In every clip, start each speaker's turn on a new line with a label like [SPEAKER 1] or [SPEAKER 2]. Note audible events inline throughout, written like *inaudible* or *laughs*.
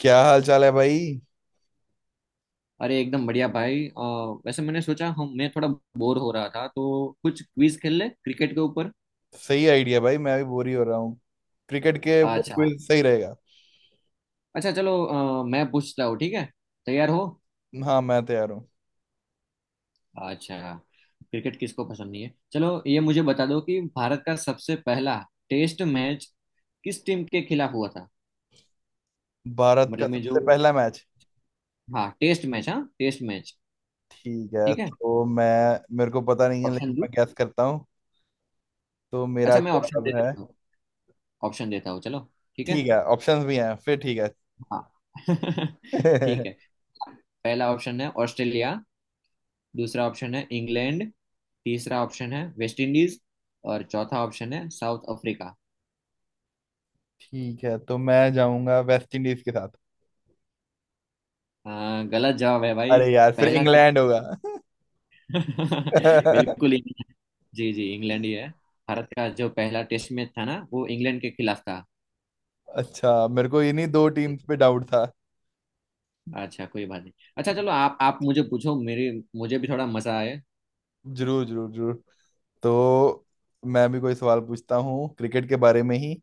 [SPEAKER 1] क्या हाल चाल है भाई।
[SPEAKER 2] अरे एकदम बढ़िया भाई वैसे मैंने सोचा हम मैं थोड़ा बोर हो रहा था तो कुछ क्विज खेल ले क्रिकेट के ऊपर।
[SPEAKER 1] सही आइडिया भाई, मैं भी बोर ही हो रहा हूँ। क्रिकेट के ऊपर
[SPEAKER 2] अच्छा।
[SPEAKER 1] क्विज सही रहेगा।
[SPEAKER 2] अच्छा चलो, मैं पूछता हूँ, ठीक है? तैयार हो?
[SPEAKER 1] हाँ, मैं तैयार हूँ।
[SPEAKER 2] अच्छा। क्रिकेट किसको पसंद नहीं है, चलो ये मुझे बता दो कि भारत का सबसे पहला टेस्ट मैच किस टीम के खिलाफ हुआ था?
[SPEAKER 1] भारत का
[SPEAKER 2] मतलब मैं जो,
[SPEAKER 1] सबसे पहला मैच।
[SPEAKER 2] हाँ टेस्ट मैच, हाँ टेस्ट मैच।
[SPEAKER 1] ठीक है।
[SPEAKER 2] ठीक है।
[SPEAKER 1] तो मैं मेरे को पता नहीं है,
[SPEAKER 2] ऑप्शन
[SPEAKER 1] लेकिन
[SPEAKER 2] दो।
[SPEAKER 1] मैं गैस करता हूँ। तो मेरा
[SPEAKER 2] अच्छा, मैं ऑप्शन दे
[SPEAKER 1] जवाब है।
[SPEAKER 2] देता हूँ। ऑप्शन देता हूँ, चलो। ठीक है।
[SPEAKER 1] ठीक है, ऑप्शंस भी हैं फिर। ठीक है।
[SPEAKER 2] हाँ। *laughs* ठीक है।
[SPEAKER 1] *laughs*
[SPEAKER 2] पहला ऑप्शन है ऑस्ट्रेलिया, दूसरा ऑप्शन है इंग्लैंड, तीसरा ऑप्शन है वेस्ट इंडीज, और चौथा ऑप्शन है साउथ अफ्रीका।
[SPEAKER 1] ठीक है, तो मैं जाऊंगा वेस्ट इंडीज के साथ।
[SPEAKER 2] हाँ, गलत जवाब है भाई।
[SPEAKER 1] अरे यार, फिर
[SPEAKER 2] पहला
[SPEAKER 1] इंग्लैंड
[SPEAKER 2] टेस्ट
[SPEAKER 1] होगा।
[SPEAKER 2] *laughs* बिल्कुल ही
[SPEAKER 1] *laughs*
[SPEAKER 2] नहीं है। जी जी, इंग्लैंड ही है। भारत का जो पहला टेस्ट मैच था ना, वो इंग्लैंड के खिलाफ था।
[SPEAKER 1] अच्छा, मेरे को इन्हीं दो टीम्स पे डाउट था।
[SPEAKER 2] अच्छा, कोई बात नहीं। अच्छा चलो, आप मुझे पूछो, मेरे मुझे भी थोड़ा मजा आए।
[SPEAKER 1] जरूर जरूर जरूर। तो मैं भी कोई सवाल पूछता हूँ क्रिकेट के बारे में ही।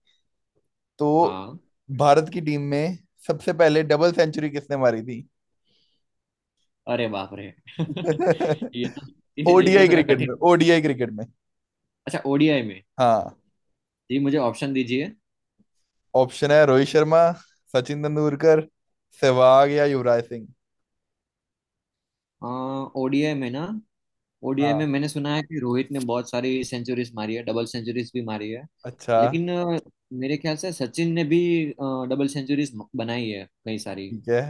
[SPEAKER 1] तो
[SPEAKER 2] हाँ।
[SPEAKER 1] भारत की टीम में सबसे पहले डबल सेंचुरी किसने मारी थी?
[SPEAKER 2] अरे बाप रे!
[SPEAKER 1] *laughs*
[SPEAKER 2] *laughs*
[SPEAKER 1] किसने?
[SPEAKER 2] ये तो, ये
[SPEAKER 1] ओडीआई
[SPEAKER 2] तो
[SPEAKER 1] मारी,
[SPEAKER 2] थोड़ा
[SPEAKER 1] क्रिकेट में,
[SPEAKER 2] कठिन।
[SPEAKER 1] ओडीआई क्रिकेट में।
[SPEAKER 2] अच्छा ओडीआई में।
[SPEAKER 1] हाँ।
[SPEAKER 2] जी, मुझे ऑप्शन दीजिए।
[SPEAKER 1] ऑप्शन है रोहित शर्मा, सचिन तेंदुलकर, सहवाग या युवराज सिंह।
[SPEAKER 2] हाँ, ओडीआई में ना, ओडीआई में
[SPEAKER 1] हाँ।
[SPEAKER 2] मैंने सुना है कि रोहित ने बहुत सारी सेंचुरीज मारी है, डबल सेंचुरीज भी मारी है।
[SPEAKER 1] अच्छा।
[SPEAKER 2] लेकिन मेरे ख्याल से सचिन ने भी डबल सेंचुरीज बनाई है कई सारी।
[SPEAKER 1] ठीक है।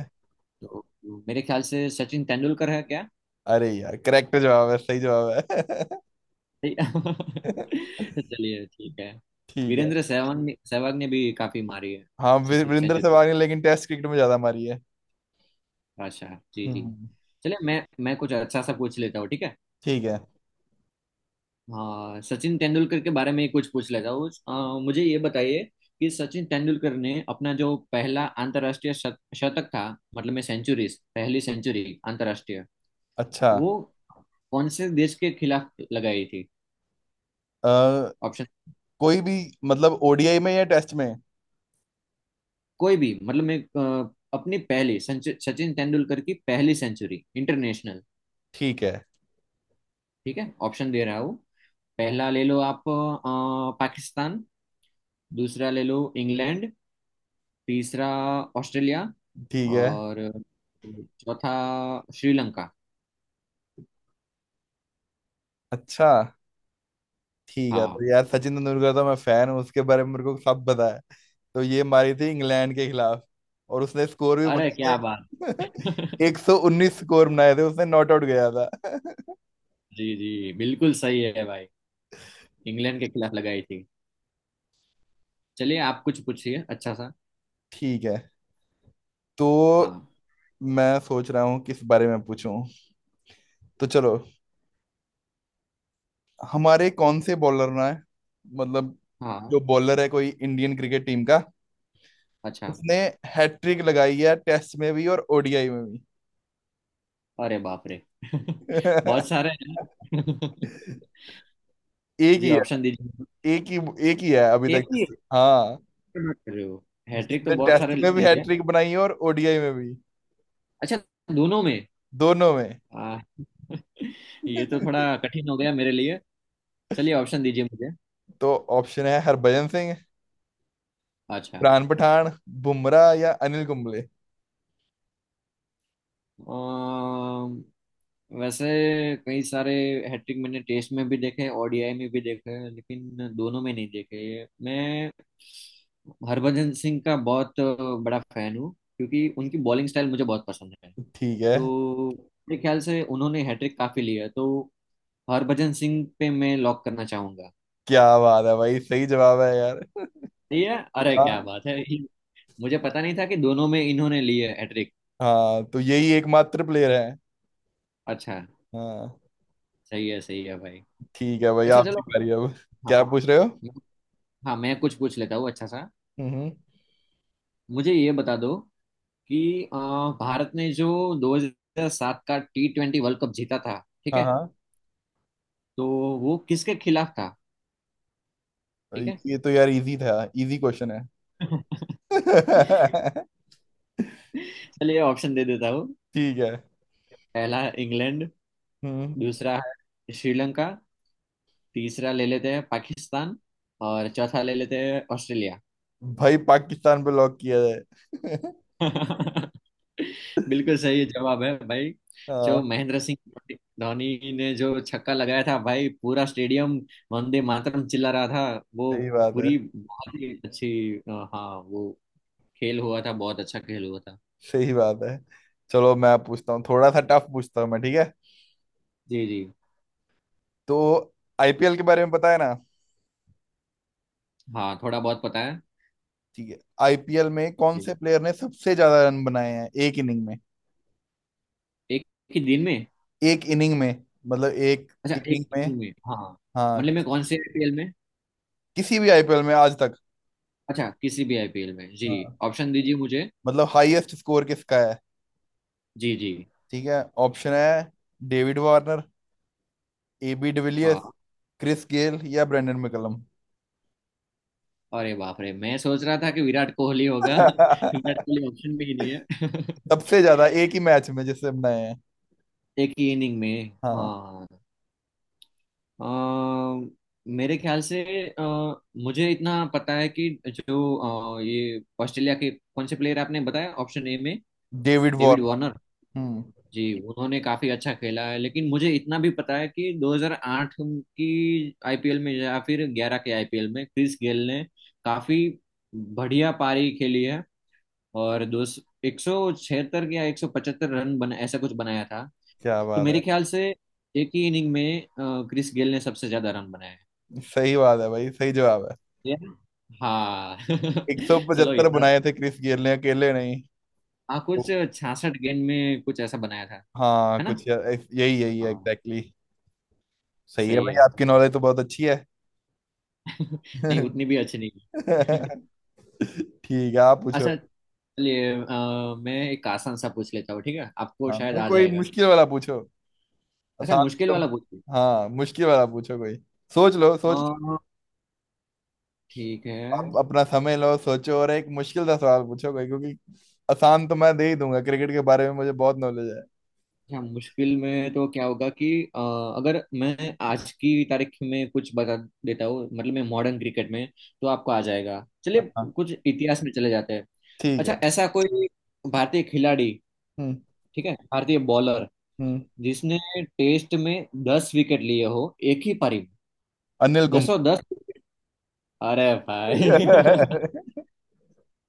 [SPEAKER 2] तो मेरे ख्याल से सचिन तेंदुलकर है क्या?
[SPEAKER 1] अरे यार, करेक्ट जवाब है, सही जवाब है।
[SPEAKER 2] *laughs*
[SPEAKER 1] *laughs*
[SPEAKER 2] चलिए ठीक है।
[SPEAKER 1] ठीक है।
[SPEAKER 2] वीरेंद्र सहवाग ने भी काफी मारी है
[SPEAKER 1] हाँ, वीरेंद्र
[SPEAKER 2] सेंचुरी।
[SPEAKER 1] सहवाग ने, लेकिन टेस्ट क्रिकेट में ज्यादा मारी है।
[SPEAKER 2] बादशाह, जी जी।
[SPEAKER 1] हम्म।
[SPEAKER 2] चलिए, मैं कुछ अच्छा सा पूछ लेता हूँ, ठीक है?
[SPEAKER 1] ठीक है।
[SPEAKER 2] हाँ, सचिन तेंदुलकर के बारे में ही कुछ पूछ लेता हूँ, मुझे ये बताइए कि सचिन तेंदुलकर ने अपना जो पहला अंतर्राष्ट्रीय शतक था, मतलब में सेंचुरीज, पहली सेंचुरी अंतर्राष्ट्रीय,
[SPEAKER 1] अच्छा।
[SPEAKER 2] वो कौन से देश के खिलाफ लगाई थी?
[SPEAKER 1] अ,
[SPEAKER 2] ऑप्शन
[SPEAKER 1] कोई भी, मतलब ओडीआई में या टेस्ट में?
[SPEAKER 2] कोई भी, मतलब मैं, अपनी पहली सचिन तेंदुलकर की पहली सेंचुरी इंटरनेशनल।
[SPEAKER 1] ठीक है।
[SPEAKER 2] ठीक है, ऑप्शन दे रहा हूँ। पहला ले लो आप, पाकिस्तान। दूसरा ले लो, इंग्लैंड। तीसरा ऑस्ट्रेलिया,
[SPEAKER 1] ठीक है।
[SPEAKER 2] और चौथा श्रीलंका।
[SPEAKER 1] अच्छा। ठीक है,
[SPEAKER 2] हाँ,
[SPEAKER 1] तो यार सचिन तेंदुलकर तो मैं फैन हूँ, उसके बारे में मेरे को सब पता है। तो ये मारी थी इंग्लैंड के खिलाफ। और उसने स्कोर भी
[SPEAKER 2] अरे
[SPEAKER 1] बनाए
[SPEAKER 2] क्या बात!
[SPEAKER 1] थे। *laughs*
[SPEAKER 2] *laughs*
[SPEAKER 1] 119 स्कोर बनाए थे उसने, नॉट आउट गया था। *laughs*
[SPEAKER 2] जी जी, बिल्कुल सही है भाई, इंग्लैंड के खिलाफ लगाई थी। चलिए आप कुछ पूछिए अच्छा सा।
[SPEAKER 1] ठीक है। तो
[SPEAKER 2] हाँ।
[SPEAKER 1] मैं सोच रहा हूँ किस बारे में पूछूं। तो चलो, हमारे कौन से बॉलर ना है, मतलब
[SPEAKER 2] हाँ।
[SPEAKER 1] जो बॉलर है कोई इंडियन क्रिकेट टीम का,
[SPEAKER 2] अच्छा।
[SPEAKER 1] उसने हैट्रिक लगाई है टेस्ट में भी और ओडीआई में भी।
[SPEAKER 2] अरे बाप रे! *laughs* बहुत
[SPEAKER 1] *laughs*
[SPEAKER 2] सारे हैं। *laughs*
[SPEAKER 1] एक
[SPEAKER 2] जी,
[SPEAKER 1] ही
[SPEAKER 2] ऑप्शन दीजिए।
[SPEAKER 1] है। एक ही एक ही है अभी
[SPEAKER 2] एक
[SPEAKER 1] तक।
[SPEAKER 2] ही है,
[SPEAKER 1] हाँ।
[SPEAKER 2] मत कर रहे हो? हैट्रिक तो
[SPEAKER 1] जिसने
[SPEAKER 2] बहुत
[SPEAKER 1] टेस्ट
[SPEAKER 2] सारे
[SPEAKER 1] में भी
[SPEAKER 2] लिए।
[SPEAKER 1] हैट्रिक बनाई है और ओडीआई में भी।
[SPEAKER 2] अच्छा, दोनों में।
[SPEAKER 1] दोनों में।
[SPEAKER 2] आ, *laughs* ये तो थोड़ा कठिन हो गया मेरे लिए। चलिए ऑप्शन दीजिए मुझे।
[SPEAKER 1] तो ऑप्शन है हरभजन सिंह,
[SPEAKER 2] अच्छा।
[SPEAKER 1] प्राण पठान, बुमराह या अनिल कुंबले।
[SPEAKER 2] अम, वैसे कई सारे हैट्रिक मैंने टेस्ट में भी देखे, ओडीआई में भी देखे, लेकिन दोनों में नहीं देखे। मैं हरभजन सिंह का बहुत बड़ा फैन हूँ क्योंकि उनकी बॉलिंग स्टाइल मुझे बहुत पसंद है।
[SPEAKER 1] ठीक है।
[SPEAKER 2] तो मेरे ख्याल से उन्होंने हैट्रिक काफी लिया है, तो हरभजन सिंह पे मैं लॉक करना चाहूंगा।
[SPEAKER 1] क्या बात है भाई, सही जवाब है यार।
[SPEAKER 2] ये, अरे क्या
[SPEAKER 1] हाँ।
[SPEAKER 2] बात है! मुझे पता नहीं था कि दोनों में इन्होंने लिए हैट्रिक।
[SPEAKER 1] हाँ, तो यही एकमात्र प्लेयर है।
[SPEAKER 2] अच्छा।
[SPEAKER 1] हाँ।
[SPEAKER 2] सही है, सही है भाई।
[SPEAKER 1] ठीक है भाई,
[SPEAKER 2] अच्छा
[SPEAKER 1] आपकी
[SPEAKER 2] चलो।
[SPEAKER 1] बारी अब। क्या
[SPEAKER 2] हाँ।
[SPEAKER 1] पूछ रहे हो?
[SPEAKER 2] हाँ, मैं कुछ पूछ लेता हूँ अच्छा सा।
[SPEAKER 1] हम्म।
[SPEAKER 2] मुझे ये बता दो कि भारत ने जो 2007 का T20 वर्ल्ड कप जीता था, ठीक
[SPEAKER 1] हाँ।
[SPEAKER 2] है?
[SPEAKER 1] हाँ,
[SPEAKER 2] तो वो किसके खिलाफ था? ठीक है।
[SPEAKER 1] ये तो यार इजी था, इजी क्वेश्चन है।
[SPEAKER 2] *laughs*
[SPEAKER 1] *laughs*
[SPEAKER 2] चलिए ऑप्शन दे देता हूँ।
[SPEAKER 1] ठीक है।
[SPEAKER 2] पहला इंग्लैंड,
[SPEAKER 1] हम्म।
[SPEAKER 2] दूसरा है श्रीलंका, तीसरा ले लेते हैं पाकिस्तान, और चौथा ले लेते हैं ऑस्ट्रेलिया।
[SPEAKER 1] भाई, पाकिस्तान पे लॉक किया जाए।
[SPEAKER 2] बिल्कुल सही जवाब है भाई।
[SPEAKER 1] हाँ।
[SPEAKER 2] जो महेंद्र सिंह धोनी ने जो छक्का लगाया था भाई, पूरा स्टेडियम वंदे मातरम चिल्ला रहा था वो।
[SPEAKER 1] सही बात है।
[SPEAKER 2] पूरी बहुत ही अच्छी, हाँ वो खेल हुआ था, बहुत अच्छा खेल हुआ था।
[SPEAKER 1] सही बात है। चलो, मैं पूछता हूँ, थोड़ा सा टफ पूछता हूँ मैं, ठीक है।
[SPEAKER 2] जी जी।
[SPEAKER 1] तो आईपीएल के बारे में पता है ना?
[SPEAKER 2] हाँ थोड़ा बहुत पता है।
[SPEAKER 1] ठीक है, आईपीएल में कौन
[SPEAKER 2] जी।
[SPEAKER 1] से प्लेयर ने सबसे ज्यादा रन बनाए हैं एक इनिंग में?
[SPEAKER 2] एक ही दिन में।
[SPEAKER 1] एक इनिंग में, मतलब एक
[SPEAKER 2] अच्छा एक
[SPEAKER 1] इनिंग
[SPEAKER 2] ही
[SPEAKER 1] में।
[SPEAKER 2] दिन में, हाँ।
[SPEAKER 1] हाँ,
[SPEAKER 2] मतलब मैं कौन से आईपीएल में?
[SPEAKER 1] किसी भी आईपीएल में आज तक।
[SPEAKER 2] अच्छा, किसी भी आईपीएल में, जी।
[SPEAKER 1] हाँ,
[SPEAKER 2] ऑप्शन दीजिए मुझे।
[SPEAKER 1] मतलब हाईएस्ट स्कोर किसका है।
[SPEAKER 2] जी जी।
[SPEAKER 1] ठीक है, ऑप्शन है डेविड वार्नर, एबी डिविलियर्स,
[SPEAKER 2] हाँ।
[SPEAKER 1] क्रिस गेल या ब्रेंडन मैकलम।
[SPEAKER 2] अरे बाप रे, मैं सोच रहा था कि विराट कोहली होगा। *laughs* विराट
[SPEAKER 1] *laughs*
[SPEAKER 2] कोहली ऑप्शन भी नहीं
[SPEAKER 1] सबसे
[SPEAKER 2] है।
[SPEAKER 1] ज्यादा एक ही मैच में जिससे बनाए हैं।
[SPEAKER 2] *laughs* एक ही इनिंग में,
[SPEAKER 1] हाँ।
[SPEAKER 2] हाँ। अ, मेरे ख्याल से, अ, मुझे इतना पता है कि जो, ये ऑस्ट्रेलिया के कौन से प्लेयर आपने बताया ऑप्शन ए में?
[SPEAKER 1] David
[SPEAKER 2] David
[SPEAKER 1] Warner.
[SPEAKER 2] वार्नर।
[SPEAKER 1] हम्म।
[SPEAKER 2] जी। उन्होंने काफी अच्छा खेला है, लेकिन मुझे इतना भी पता है कि 2008 की आईपीएल में या फिर 11 के आईपीएल में क्रिस गेल ने काफी बढ़िया पारी खेली है। और दो, 176 या 175 रन बना, ऐसा कुछ बनाया था।
[SPEAKER 1] क्या
[SPEAKER 2] तो
[SPEAKER 1] बात
[SPEAKER 2] मेरे
[SPEAKER 1] है,
[SPEAKER 2] ख्याल से एक ही इनिंग में क्रिस गेल ने सबसे ज्यादा रन बनाए हैं।
[SPEAKER 1] सही बात है भाई, सही जवाब है।
[SPEAKER 2] Yeah. हाँ।
[SPEAKER 1] एक सौ
[SPEAKER 2] *laughs* चलो
[SPEAKER 1] पचहत्तर
[SPEAKER 2] इतना,
[SPEAKER 1] बुनाए थे क्रिस गेल ने अकेले, नहीं।
[SPEAKER 2] हाँ कुछ
[SPEAKER 1] तो-
[SPEAKER 2] 66 गेंद में कुछ ऐसा बनाया था,
[SPEAKER 1] हाँ
[SPEAKER 2] है ना?
[SPEAKER 1] कुछ यही यही है,
[SPEAKER 2] हाँ।
[SPEAKER 1] एग्जैक्टली। सही है
[SPEAKER 2] सही
[SPEAKER 1] भाई,
[SPEAKER 2] है।
[SPEAKER 1] आपकी नॉलेज तो बहुत अच्छी है।
[SPEAKER 2] *laughs* नहीं उतनी
[SPEAKER 1] *laughs*
[SPEAKER 2] भी अच्छी नहीं। *laughs*
[SPEAKER 1] ठीक है, आप पूछो।
[SPEAKER 2] अच्छा चलिए, मैं एक आसान सा पूछ लेता हूँ, ठीक है, आपको
[SPEAKER 1] हाँ
[SPEAKER 2] शायद
[SPEAKER 1] भाई,
[SPEAKER 2] आ
[SPEAKER 1] कोई
[SPEAKER 2] जाएगा।
[SPEAKER 1] मुश्किल वाला पूछो।
[SPEAKER 2] अच्छा,
[SPEAKER 1] आसान
[SPEAKER 2] मुश्किल
[SPEAKER 1] तो।
[SPEAKER 2] वाला पूछिए।
[SPEAKER 1] हाँ, मुश्किल वाला पूछो कोई। सोच लो, सोच।
[SPEAKER 2] अ, ठीक है।
[SPEAKER 1] आप अपना समय लो, सोचो, और एक मुश्किल सा सवाल पूछो कोई, क्योंकि आसान तो मैं दे ही दूंगा, क्रिकेट के बारे में मुझे बहुत नॉलेज है।
[SPEAKER 2] हाँ, मुश्किल में तो क्या होगा कि अ, अगर मैं आज की तारीख में कुछ बता देता हूँ, मतलब मैं मॉडर्न क्रिकेट में, तो आपको आ जाएगा। चलिए
[SPEAKER 1] हाँ।
[SPEAKER 2] कुछ इतिहास में चले जाते हैं।
[SPEAKER 1] ठीक
[SPEAKER 2] अच्छा,
[SPEAKER 1] है।
[SPEAKER 2] ऐसा कोई भारतीय खिलाड़ी,
[SPEAKER 1] हम्म।
[SPEAKER 2] ठीक है, भारतीय बॉलर
[SPEAKER 1] हम्म।
[SPEAKER 2] जिसने टेस्ट में 10 विकेट लिए हो एक ही पारी में,
[SPEAKER 1] अनिल
[SPEAKER 2] दसों
[SPEAKER 1] कुंबले।
[SPEAKER 2] दस? अरे भाई!
[SPEAKER 1] *laughs*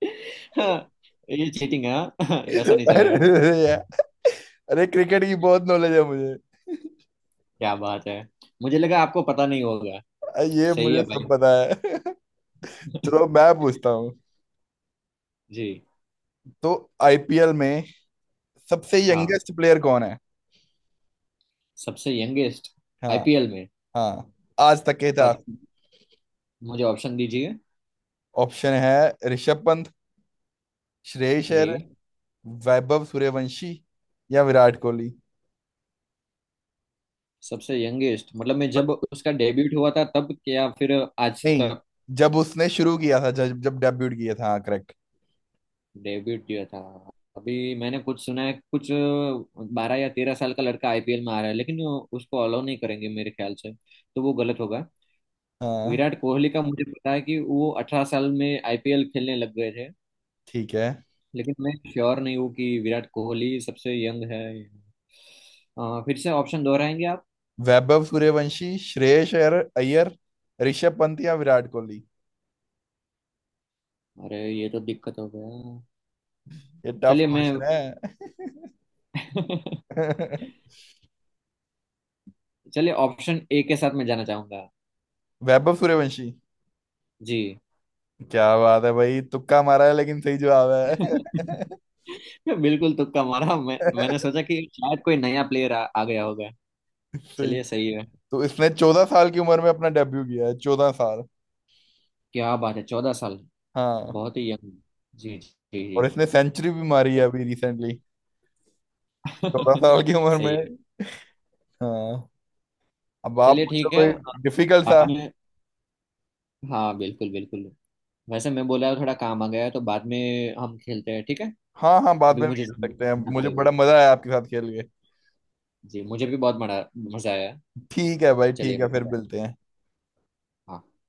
[SPEAKER 2] *laughs* हाँ, ये चीटिंग है, हाँ। *laughs* ये ऐसा नहीं चलेगा।
[SPEAKER 1] अरे। अरे, क्रिकेट की बहुत नॉलेज है मुझे।
[SPEAKER 2] क्या बात है, मुझे लगा आपको पता नहीं होगा।
[SPEAKER 1] ये
[SPEAKER 2] सही
[SPEAKER 1] मुझे
[SPEAKER 2] है
[SPEAKER 1] सब
[SPEAKER 2] भाई।
[SPEAKER 1] पता है। *laughs* चलो, मैं पूछता हूँ।
[SPEAKER 2] जी।
[SPEAKER 1] तो आईपीएल में सबसे
[SPEAKER 2] हाँ।
[SPEAKER 1] यंगेस्ट प्लेयर कौन है?
[SPEAKER 2] सबसे यंगेस्ट।
[SPEAKER 1] हाँ।
[SPEAKER 2] आईपीएल में।
[SPEAKER 1] हाँ, आज तक के इतिहास।
[SPEAKER 2] अच्छा, मुझे ऑप्शन दीजिए।
[SPEAKER 1] ऑप्शन है ऋषभ पंत, श्रेयस
[SPEAKER 2] जी।
[SPEAKER 1] अय्यर, वैभव सूर्यवंशी या विराट कोहली।
[SPEAKER 2] सबसे यंगेस्ट मतलब, मैं जब उसका डेब्यूट हुआ था तब, क्या फिर आज
[SPEAKER 1] नहीं,
[SPEAKER 2] तक?
[SPEAKER 1] जब उसने शुरू किया था, जब जब डेब्यूट किया था, हाँ करेक्ट।
[SPEAKER 2] डेब्यूट किया था। अभी मैंने कुछ सुना है, कुछ 12 या 13 साल का लड़का आईपीएल में आ रहा है, लेकिन उसको अलाउ नहीं करेंगे मेरे ख्याल से, तो वो गलत होगा।
[SPEAKER 1] हाँ।
[SPEAKER 2] विराट कोहली का मुझे पता है कि वो 18 साल में आईपीएल खेलने लग गए थे।
[SPEAKER 1] ठीक है।
[SPEAKER 2] लेकिन मैं श्योर नहीं हूँ कि विराट कोहली सबसे यंग है। फिर से ऑप्शन दोहराएंगे?
[SPEAKER 1] वैभव सूर्यवंशी, श्रेयस अय्यर अय्यर, ऋषभ पंत या विराट कोहली।
[SPEAKER 2] अरे ये तो दिक्कत हो गया।
[SPEAKER 1] ये टफ
[SPEAKER 2] चलिए मैं,
[SPEAKER 1] क्वेश्चन
[SPEAKER 2] *laughs*
[SPEAKER 1] है। *laughs*
[SPEAKER 2] चलिए ऑप्शन ए के साथ मैं जाना चाहूंगा।
[SPEAKER 1] वैभव सूर्यवंशी।
[SPEAKER 2] जी।
[SPEAKER 1] क्या बात है भाई, तुक्का मारा है लेकिन सही जवाब
[SPEAKER 2] *laughs*
[SPEAKER 1] है।
[SPEAKER 2] मैं बिल्कुल तुक्का मारा, मैंने
[SPEAKER 1] *laughs*
[SPEAKER 2] सोचा कि शायद कोई नया प्लेयर आ गया होगा।
[SPEAKER 1] सही।
[SPEAKER 2] चलिए सही है।
[SPEAKER 1] तो इसने 14 साल की उम्र में अपना डेब्यू किया है, 14 साल।
[SPEAKER 2] क्या बात है, 14 साल!
[SPEAKER 1] हाँ।
[SPEAKER 2] बहुत ही यंग। जी जी जी।
[SPEAKER 1] और इसने सेंचुरी भी मारी है अभी रिसेंटली, चौदह
[SPEAKER 2] *laughs*
[SPEAKER 1] साल की उम्र
[SPEAKER 2] सही है।
[SPEAKER 1] में। हाँ। अब आप
[SPEAKER 2] चलिए
[SPEAKER 1] मुझसे
[SPEAKER 2] ठीक
[SPEAKER 1] कोई
[SPEAKER 2] है, बाद
[SPEAKER 1] डिफिकल्ट सा।
[SPEAKER 2] में। हाँ बिल्कुल, बिल्कुल। वैसे मैं बोला, थोड़ा काम आ गया है, तो बाद में हम खेलते हैं ठीक है?
[SPEAKER 1] हाँ हाँ, बाद
[SPEAKER 2] अभी
[SPEAKER 1] में भी
[SPEAKER 2] मुझे
[SPEAKER 1] खेल सकते हैं,
[SPEAKER 2] जाना
[SPEAKER 1] मुझे
[SPEAKER 2] पड़ेगा।
[SPEAKER 1] बड़ा मजा आया आपके साथ खेल के।
[SPEAKER 2] जी, मुझे भी बहुत मजा, मजा आया।
[SPEAKER 1] ठीक है भाई,
[SPEAKER 2] चलिए
[SPEAKER 1] ठीक है,
[SPEAKER 2] मिल
[SPEAKER 1] फिर
[SPEAKER 2] जाएगा।
[SPEAKER 1] मिलते हैं।
[SPEAKER 2] हाँ।